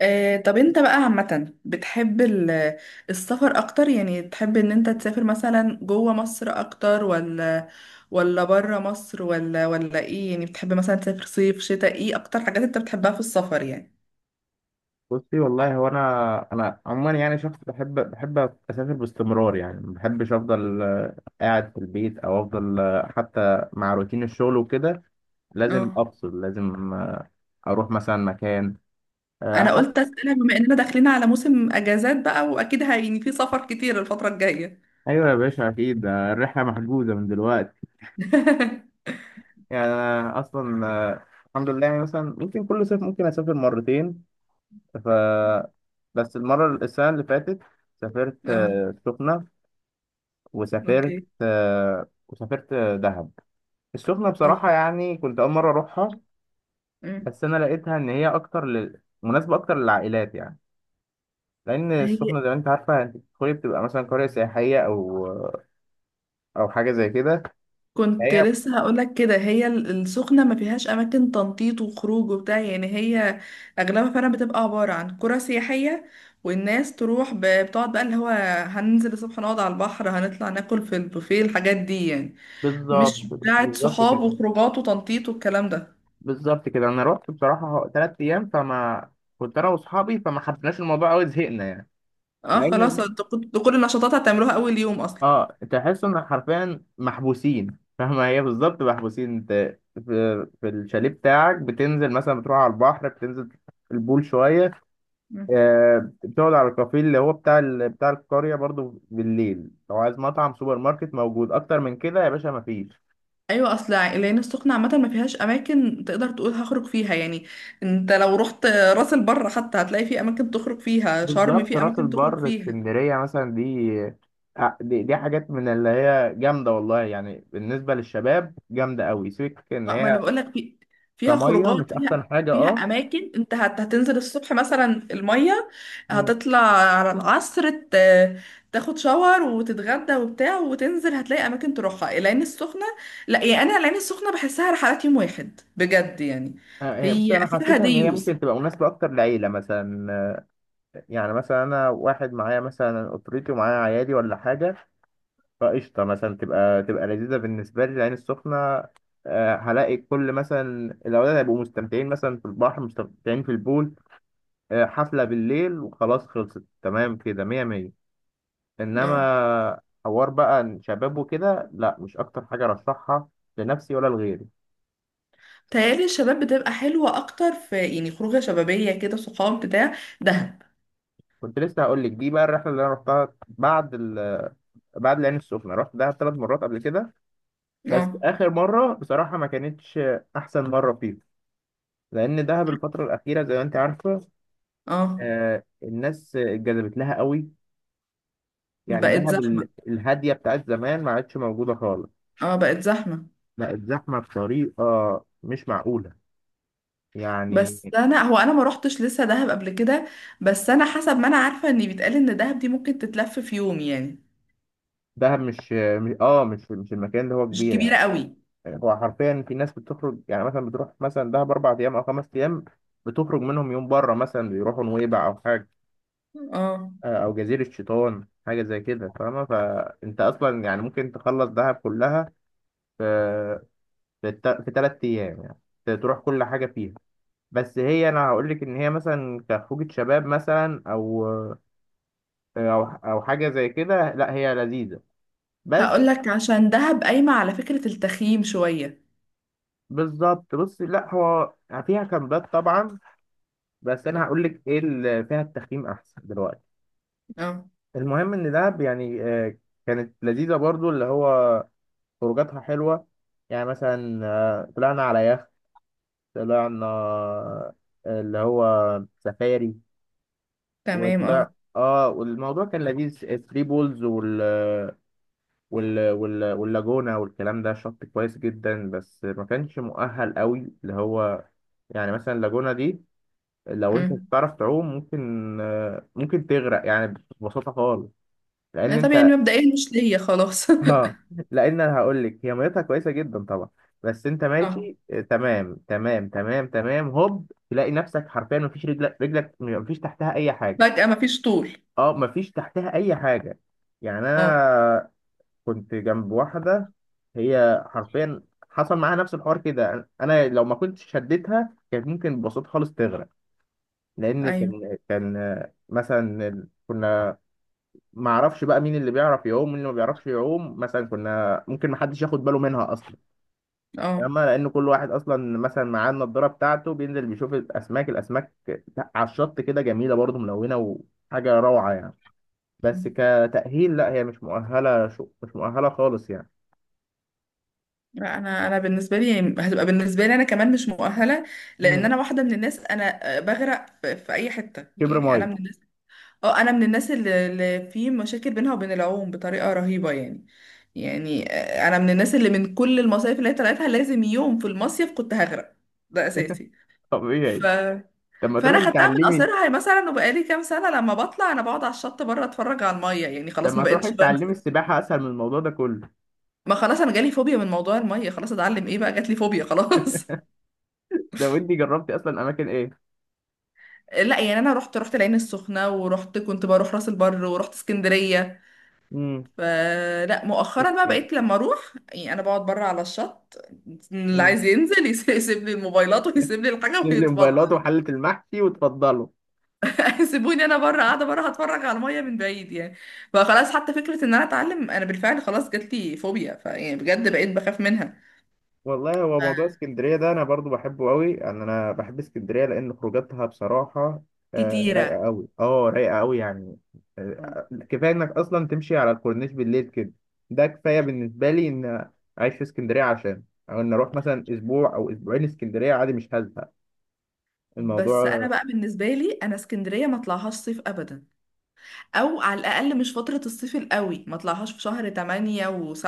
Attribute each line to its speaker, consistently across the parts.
Speaker 1: طب انت بقى عامة بتحب السفر اكتر يعني تحب ان انت تسافر مثلا جوه مصر اكتر ولا بره مصر ولا ايه يعني بتحب مثلا تسافر صيف شتاء ايه اكتر حاجات انت بتحبها في السفر يعني.
Speaker 2: بصي والله هو انا عموما يعني شخص بحب اسافر باستمرار. يعني ما بحبش افضل قاعد في البيت او افضل حتى مع روتين الشغل وكده لازم
Speaker 1: اه
Speaker 2: افصل، لازم اروح مثلا مكان آه،
Speaker 1: انا
Speaker 2: حتى
Speaker 1: قلت اسألها بما اننا داخلين على موسم اجازات بقى واكيد يعني في سفر كتير الفترة الجاية.
Speaker 2: ايوه يا باشا اكيد، الرحله محجوزه من دلوقتي. يعني انا اصلا، الحمد لله، يعني مثلا ممكن كل صيف ممكن اسافر مرتين. ف بس المره السنه اللي فاتت سافرت
Speaker 1: اه
Speaker 2: السخنه، وسافرت
Speaker 1: اوكي
Speaker 2: آه، وسافرت آه، دهب. السخنة
Speaker 1: الله.
Speaker 2: بصراحة يعني كنت أول مرة أروحها،
Speaker 1: مم.
Speaker 2: بس أنا لقيتها إن هي أكتر مناسبة أكتر للعائلات يعني، لأن
Speaker 1: هي
Speaker 2: السخنة زي ما أنت عارفة أنت بتدخلي بتبقى مثلا قرية سياحية أو أو حاجة زي كده.
Speaker 1: كنت
Speaker 2: هي
Speaker 1: لسه هقولك كده هي السخنة ما فيهاش أماكن تنطيط وخروج وبتاع يعني هي أغلبها فعلا بتبقى عبارة عن قرى سياحية والناس تروح بتقعد بقى اللي هو هننزل الصبح نقعد على البحر هنطلع ناكل في البوفيه الحاجات دي يعني
Speaker 2: بالظبط،
Speaker 1: مش بتاعة
Speaker 2: بالظبط
Speaker 1: صحاب
Speaker 2: كده،
Speaker 1: وخروجات وتنطيط والكلام ده.
Speaker 2: بالظبط كده. أنا رحت بصراحة تلات أيام، فما كنت أنا وأصحابي، فما حبيناش الموضوع أوي، زهقنا يعني.
Speaker 1: اه
Speaker 2: لأن
Speaker 1: خلاص انتوا كنتوا كل النشاطات هتعملوها أول يوم أصلا.
Speaker 2: أه تحس إن حرفيا محبوسين، فاهمة؟ هي بالظبط، محبوسين. أنت في في الشاليه بتاعك، بتنزل مثلا بتروح على البحر، بتنزل البول شوية، بتقعد على الكافيه اللي هو بتاع القرية برضو. بالليل لو عايز مطعم سوبر ماركت موجود. أكتر من كده يا باشا مفيش.
Speaker 1: ايوه اصل العين السخنه عامه ما فيهاش اماكن تقدر تقول هخرج فيها يعني. انت لو رحت راس البر حتى هتلاقي في اماكن تخرج فيها شرم
Speaker 2: بالظبط.
Speaker 1: في
Speaker 2: راس
Speaker 1: اماكن تخرج
Speaker 2: البر،
Speaker 1: فيها.
Speaker 2: اسكندرية مثلا، دي دي حاجات من اللي هي جامدة والله، يعني بالنسبة للشباب جامدة أوي، سيبك إن
Speaker 1: اه ما
Speaker 2: هي
Speaker 1: انا بقول لك في فيها
Speaker 2: كمية،
Speaker 1: خروجات
Speaker 2: مش أحسن
Speaker 1: فيها
Speaker 2: حاجة؟
Speaker 1: فيها
Speaker 2: أه.
Speaker 1: اماكن انت هتنزل الصبح مثلا الميه
Speaker 2: مم.
Speaker 1: هتطلع على العصر تاخد شاور وتتغدى وبتاع وتنزل هتلاقي اماكن تروحها العين السخنه. لا يعني انا العين السخنه بحسها رحلات يوم واحد بجد يعني.
Speaker 2: هي بس
Speaker 1: هي
Speaker 2: أنا
Speaker 1: اخرها
Speaker 2: حسيتها إن هي
Speaker 1: ديوز.
Speaker 2: ممكن تبقى مناسبة أكتر لعيلة مثلا. يعني مثلا أنا واحد معايا مثلا أسرتي ومعايا عيالي ولا حاجة، فقشطة مثلا، تبقى تبقى لذيذة بالنسبة لي العين السخنة. هلاقي كل مثلا الأولاد هيبقوا مستمتعين مثلا في البحر، مستمتعين في البول، حفلة بالليل، وخلاص، خلصت، تمام كده، مية مية.
Speaker 1: اه
Speaker 2: إنما حوار بقى شباب وكده لا، مش أكتر حاجة أرشحها لنفسي ولا لغيري.
Speaker 1: تهيألي الشباب بتبقى حلوة أكتر في يعني خروجة شبابية كده صحاب بتاع. دهب.
Speaker 2: كنت لسه هقول لك دي بقى الرحلة اللي أنا رحتها بعد بعد العين السخنة. رحت دهب ثلاث مرات قبل كده، بس
Speaker 1: اه.
Speaker 2: آخر مرة بصراحة ما كانتش أحسن مرة فيها، لأن دهب الفترة الأخيرة زي ما أنت عارفة،
Speaker 1: اه
Speaker 2: الناس اتجذبت لها قوي. يعني
Speaker 1: بقت
Speaker 2: دهب
Speaker 1: زحمة.
Speaker 2: الهاديه بتاعت زمان ما عادش موجوده خالص،
Speaker 1: اه بقت زحمة.
Speaker 2: بقت زحمه بطريقه مش معقوله يعني.
Speaker 1: بس أنا هو أنا ما روحتش لسه دهب قبل كده. بس أنا حسب ما أنا عارفة إن بيتقال إن دهب دي ممكن تتلف في يوم يعني
Speaker 2: دهب مش المكان اللي هو
Speaker 1: مش
Speaker 2: كبير
Speaker 1: كبيرة
Speaker 2: يعني.
Speaker 1: قوي.
Speaker 2: هو حرفيا في ناس بتخرج، يعني مثلا بتروح مثلا دهب اربع ايام او خمس ايام، بتخرج منهم يوم بره، مثلا بيروحوا نويبع او حاجه،
Speaker 1: اه
Speaker 2: او جزيره شيطان، حاجه زي كده، فاهمه؟ فانت اصلا يعني ممكن تخلص دهب كلها في في ثلاث ايام يعني، تروح كل حاجه فيها. بس هي، انا هقول لك، ان هي مثلا كخروجة شباب مثلا او او حاجه زي كده، لا هي لذيذه بس.
Speaker 1: هقول لك عشان دهب قايمة على فكرة التخييم شوية.
Speaker 2: بالظبط. بص، لا هو فيها كامبات طبعا، بس انا هقول لك ايه اللي فيها، التخييم احسن دلوقتي.
Speaker 1: اه
Speaker 2: المهم ان دهب يعني، كانت لذيذه برضو، اللي هو خروجاتها حلوه. يعني مثلا طلعنا على يخت، طلعنا اللي هو سفاري.
Speaker 1: تمام اه.
Speaker 2: وطلع، اه والموضوع كان لذيذ. ثري بولز وال وال... وال... واللاجونة والكلام ده، شط كويس جدا، بس ما كانش مؤهل قوي. اللي هو يعني مثلا اللاجونة دي، لو انت مش
Speaker 1: امم.
Speaker 2: بتعرف تعوم ممكن ممكن تغرق يعني، ببساطة خالص. لان
Speaker 1: طب
Speaker 2: انت
Speaker 1: يعني مبدئيا مش ليا خلاص.
Speaker 2: اه، لان انا هقول لك، هي ميتها كويسة جدا طبعا، بس انت
Speaker 1: اه
Speaker 2: ماشي تمام تمام تمام تمام، هوب تلاقي نفسك حرفيا مفيش، رجلك مفيش تحتها اي حاجة.
Speaker 1: فجأة مفيش طول.
Speaker 2: اه مفيش تحتها اي حاجة، يعني
Speaker 1: اه
Speaker 2: انا كنت جنب واحدة، هي حرفيا حصل معاها نفس الحوار كده. انا لو ما كنتش شديتها كانت ممكن ببساطة خالص تغرق، لان
Speaker 1: ايوه
Speaker 2: كان مثلا كنا ما اعرفش بقى مين اللي بيعرف يعوم ومين اللي ما بيعرفش يعوم، مثلا كنا ممكن ما حدش ياخد باله منها اصلا،
Speaker 1: اه.
Speaker 2: اما لان كل واحد اصلا مثلا معاه النضاره بتاعته بينزل بيشوف الاسماك على الشط كده، جميله برضه، ملونه، وحاجه روعه يعني. بس كتأهيل لا، هي مش مؤهله، شو مش مؤهله خالص يعني.
Speaker 1: لا انا بالنسبه لي هتبقى بالنسبه لي انا كمان مش مؤهله لان
Speaker 2: مم.
Speaker 1: انا واحده من الناس انا بغرق في اي حته
Speaker 2: كبر
Speaker 1: يعني انا
Speaker 2: ميه.
Speaker 1: من الناس. اه انا من الناس اللي في مشاكل بينها وبين العوم بطريقه رهيبه يعني. يعني انا من الناس اللي من كل المصايف اللي هي طلعتها لازم يوم في المصيف كنت هغرق ده اساسي. ف...
Speaker 2: طبيعي. طب ما
Speaker 1: فانا
Speaker 2: تروحي
Speaker 1: خدتها من
Speaker 2: تتعلمي.
Speaker 1: قصرها مثلا وبقالي كام سنه لما بطلع انا بقعد على الشط بره اتفرج على الميه يعني
Speaker 2: طب
Speaker 1: خلاص ما
Speaker 2: ما تروحي
Speaker 1: بقتش
Speaker 2: تتعلمي
Speaker 1: بنزل.
Speaker 2: السباحة أسهل من الموضوع ده كله.
Speaker 1: ما خلاص انا جالي فوبيا من موضوع الميه خلاص اتعلم ايه بقى جات لي فوبيا خلاص.
Speaker 2: ده وأنتي جربتي أصلا أماكن إيه؟
Speaker 1: لا يعني انا رحت العين السخنه ورحت كنت بروح راس البر ورحت اسكندريه.
Speaker 2: امم.
Speaker 1: فلا مؤخرا بقى
Speaker 2: اسكندرية.
Speaker 1: بقيت لما اروح يعني انا بقعد بره على الشط اللي
Speaker 2: امم.
Speaker 1: عايز ينزل يسيب لي الموبايلات ويسيب لي الحاجه ويتفضل.
Speaker 2: الموبايلات وحلة المحشي وتفضلوا.
Speaker 1: سيبوني انا بره قاعده بره هتفرج على الميه من بعيد يعني. فخلاص حتى فكره ان انا اتعلم انا بالفعل خلاص جات لي فوبيا فيعني بجد بقيت بخاف منها.
Speaker 2: والله هو موضوع
Speaker 1: ف-
Speaker 2: اسكندرية ده أنا برضو بحبه قوي، يعني أنا بحب اسكندرية لأن خروجاتها بصراحة
Speaker 1: كتيره.
Speaker 2: رايقة قوي، أه رايقة قوي يعني. كفاية إنك أصلا تمشي على الكورنيش بالليل كده، ده كفاية بالنسبة لي إن أعيش في اسكندرية، عشان أو إن أروح مثلا أسبوع أو أسبوعين اسكندرية عادي مش هزهق.
Speaker 1: بس
Speaker 2: الموضوع
Speaker 1: انا بقى بالنسبه لي انا اسكندريه ما اطلعهاش صيف ابدا او على الاقل مش فترة الصيف القوي ما طلعهاش في شهر 8 و7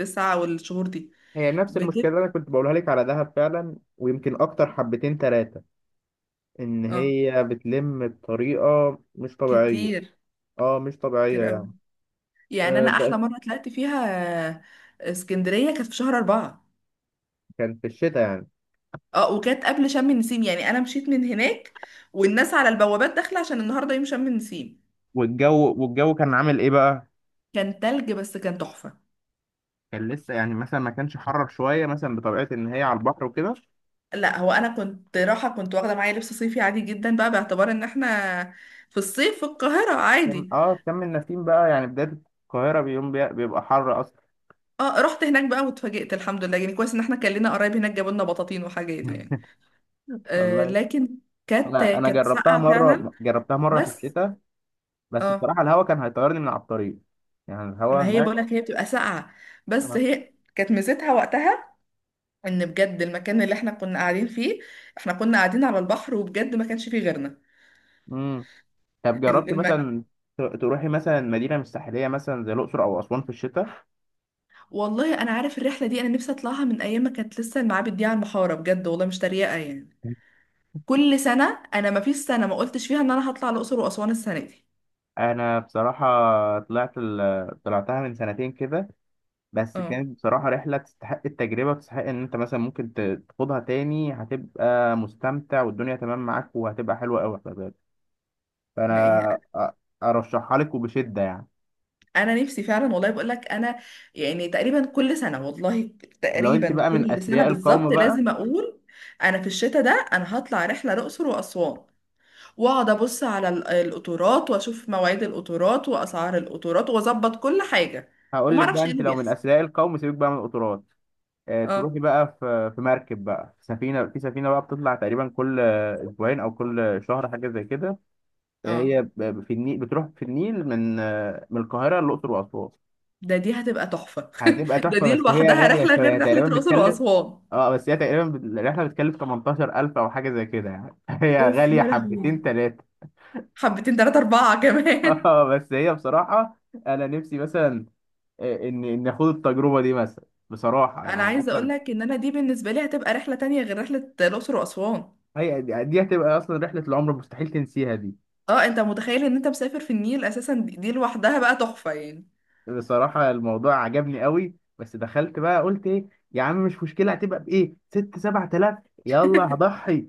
Speaker 1: و9 والشهور دي
Speaker 2: هي نفس المشكلة اللي
Speaker 1: بتبقى
Speaker 2: أنا كنت بقولها لك على دهب فعلا، ويمكن أكتر حبتين تلاتة، إن
Speaker 1: اه
Speaker 2: هي بتلم بطريقة مش طبيعية،
Speaker 1: كتير
Speaker 2: أه مش طبيعية
Speaker 1: كتير قوي.
Speaker 2: يعني.
Speaker 1: يعني
Speaker 2: أه
Speaker 1: انا احلى
Speaker 2: بقت.
Speaker 1: مرة طلعت فيها آه، اسكندرية كانت في شهر أربعة.
Speaker 2: كان في الشتاء يعني.
Speaker 1: اه وكانت قبل شم النسيم يعني انا مشيت من هناك والناس على البوابات داخلة عشان النهاردة يوم شم النسيم.
Speaker 2: والجو والجو كان عامل إيه بقى؟
Speaker 1: كان تلج بس كان تحفة.
Speaker 2: كان لسه يعني مثلا ما كانش حرر شوية مثلا، بطبيعة إن هي على البحر وكده،
Speaker 1: لا هو انا كنت رايحة كنت واخدة معايا لبس صيفي عادي جدا بقى باعتبار ان احنا في الصيف في القاهرة
Speaker 2: كان
Speaker 1: عادي.
Speaker 2: أه كان النسيم بقى. يعني بداية القاهرة بيوم بيبقى حر أصلا.
Speaker 1: اه رحت هناك بقى واتفاجئت الحمد لله يعني كويس ان احنا كان لنا قرايب هناك جابوا لنا بطاطين وحاجات يعني. آه
Speaker 2: والله
Speaker 1: لكن كانت
Speaker 2: أنا أنا
Speaker 1: كانت
Speaker 2: جربتها
Speaker 1: ساقعه فعلا
Speaker 2: مرة جربتها مرة في
Speaker 1: بس.
Speaker 2: الشتاء، بس
Speaker 1: اه
Speaker 2: بصراحة الهوا كان هيطيرني من على الطريق، يعني
Speaker 1: ما
Speaker 2: الهوا
Speaker 1: هي بقول لك هي بتبقى ساقعه بس هي كانت ميزتها وقتها ان بجد المكان اللي احنا كنا قاعدين فيه احنا كنا قاعدين على البحر وبجد ما كانش فيه غيرنا
Speaker 2: هناك. طب
Speaker 1: ال-
Speaker 2: جربت
Speaker 1: الم...
Speaker 2: مثلا تروحي مثلا مدينة مش ساحلية مثلا زي الأقصر أو أسوان في الشتاء؟
Speaker 1: والله انا عارف الرحله دي انا نفسي اطلعها من ايام ما كانت لسه المعابد دي على المحاره بجد والله مش تريقه يعني كل سنه انا ما فيش سنه ما قلتش فيها ان انا هطلع الاقصر واسوان السنه دي.
Speaker 2: أنا بصراحة طلعت طلعتها من سنتين كده، بس كانت بصراحة رحلة تستحق التجربة وتستحق إن أنت مثلا ممكن تخوضها تاني، هتبقى مستمتع والدنيا تمام معاك، وهتبقى حلوة أوي خلي بالك. فأنا
Speaker 1: اه
Speaker 2: أرشحها لك وبشدة يعني.
Speaker 1: انا نفسي فعلا والله بقول لك انا يعني تقريبا كل سنه والله
Speaker 2: ولو أنت
Speaker 1: تقريبا
Speaker 2: بقى من
Speaker 1: كل سنه
Speaker 2: أثرياء القوم
Speaker 1: بالظبط
Speaker 2: بقى،
Speaker 1: لازم اقول انا في الشتاء ده انا هطلع رحله الاقصر واسوان واقعد ابص على القطورات واشوف مواعيد القطورات واسعار القطورات واظبط كل حاجه
Speaker 2: هقول
Speaker 1: وما
Speaker 2: لك بقى،
Speaker 1: اعرفش ايه
Speaker 2: أنت
Speaker 1: اللي
Speaker 2: لو من
Speaker 1: بيحصل.
Speaker 2: أثرياء القوم سيبك بقى من القطارات.
Speaker 1: اه
Speaker 2: تروحي بقى في في مركب بقى، في سفينة، في سفينة بقى بتطلع تقريبا كل أسبوعين أو كل شهر حاجة زي كده.
Speaker 1: اه
Speaker 2: هي في النيل، بتروح في النيل من من القاهرة للأقصر وأسوان.
Speaker 1: دي هتبقى تحفه.
Speaker 2: هتبقى
Speaker 1: ده
Speaker 2: تحفة
Speaker 1: دي
Speaker 2: بس هي
Speaker 1: لوحدها
Speaker 2: غالية
Speaker 1: رحله
Speaker 2: شوية،
Speaker 1: غير رحله
Speaker 2: تقريبا
Speaker 1: الاقصر
Speaker 2: بتكلف،
Speaker 1: واسوان.
Speaker 2: اه بس هي تقريبا الرحلة بتكلف 18000 أو حاجة زي كده يعني. هي
Speaker 1: اوف
Speaker 2: غالية
Speaker 1: يا لهوي
Speaker 2: حبتين تلاتة.
Speaker 1: حبتين تلاتة أربعة كمان.
Speaker 2: اه بس هي بصراحة، أنا نفسي مثلا إن آخد التجربة دي مثلا، بصراحة
Speaker 1: انا
Speaker 2: يعني
Speaker 1: عايزه اقول
Speaker 2: أصلا
Speaker 1: لك ان انا دي بالنسبه لي هتبقى رحله تانية غير رحله الاقصر واسوان.
Speaker 2: هي دي هتبقى أصلا رحلة العمر، مستحيل تنسيها دي.
Speaker 1: اه انت متخيل ان انت مسافر في النيل اساسا دي لوحدها بقى تحفه يعني.
Speaker 2: بصراحة الموضوع عجبني قوي، بس دخلت بقى قلت ايه يا عم مش مشكلة، هتبقى بإيه، ست سبعة آلاف، يلا هضحي.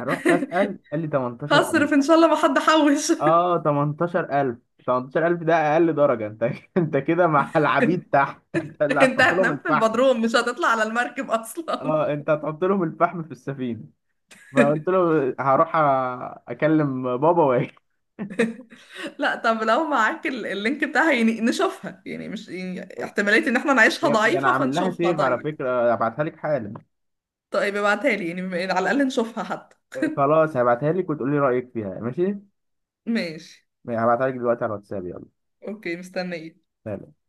Speaker 2: رحت أسأل قال لي 18000.
Speaker 1: هصرف ان شاء الله ما حد حوش.
Speaker 2: اه 18000. 18000 ده أقل درجة انت. انت كده مع العبيد تحت. انت اللي
Speaker 1: انت
Speaker 2: هتحط لهم
Speaker 1: هتنام في
Speaker 2: الفحم.
Speaker 1: البدروم مش هتطلع على المركب اصلا.
Speaker 2: اه انت هتحط لهم الفحم في السفينة. فقلت له هروح اكلم بابا واجي.
Speaker 1: لا طب لو معاك اللينك بتاعها يعني نشوفها يعني مش يعني احتماليه ان احنا نعيشها
Speaker 2: يا- ده انا
Speaker 1: ضعيفه
Speaker 2: عامل لها
Speaker 1: فنشوفها
Speaker 2: سيف على
Speaker 1: طيب.
Speaker 2: فكرة، ابعتها لك حالا.
Speaker 1: طيب ابعتها لي يعني على الاقل نشوفها حتى.
Speaker 2: خلاص هبعتها لك وتقولي رأيك فيها، ماشي؟
Speaker 1: ماشي
Speaker 2: يعني هبعتها لك دلوقتي على الواتساب. يلا
Speaker 1: اوكي مستنيه
Speaker 2: سلام.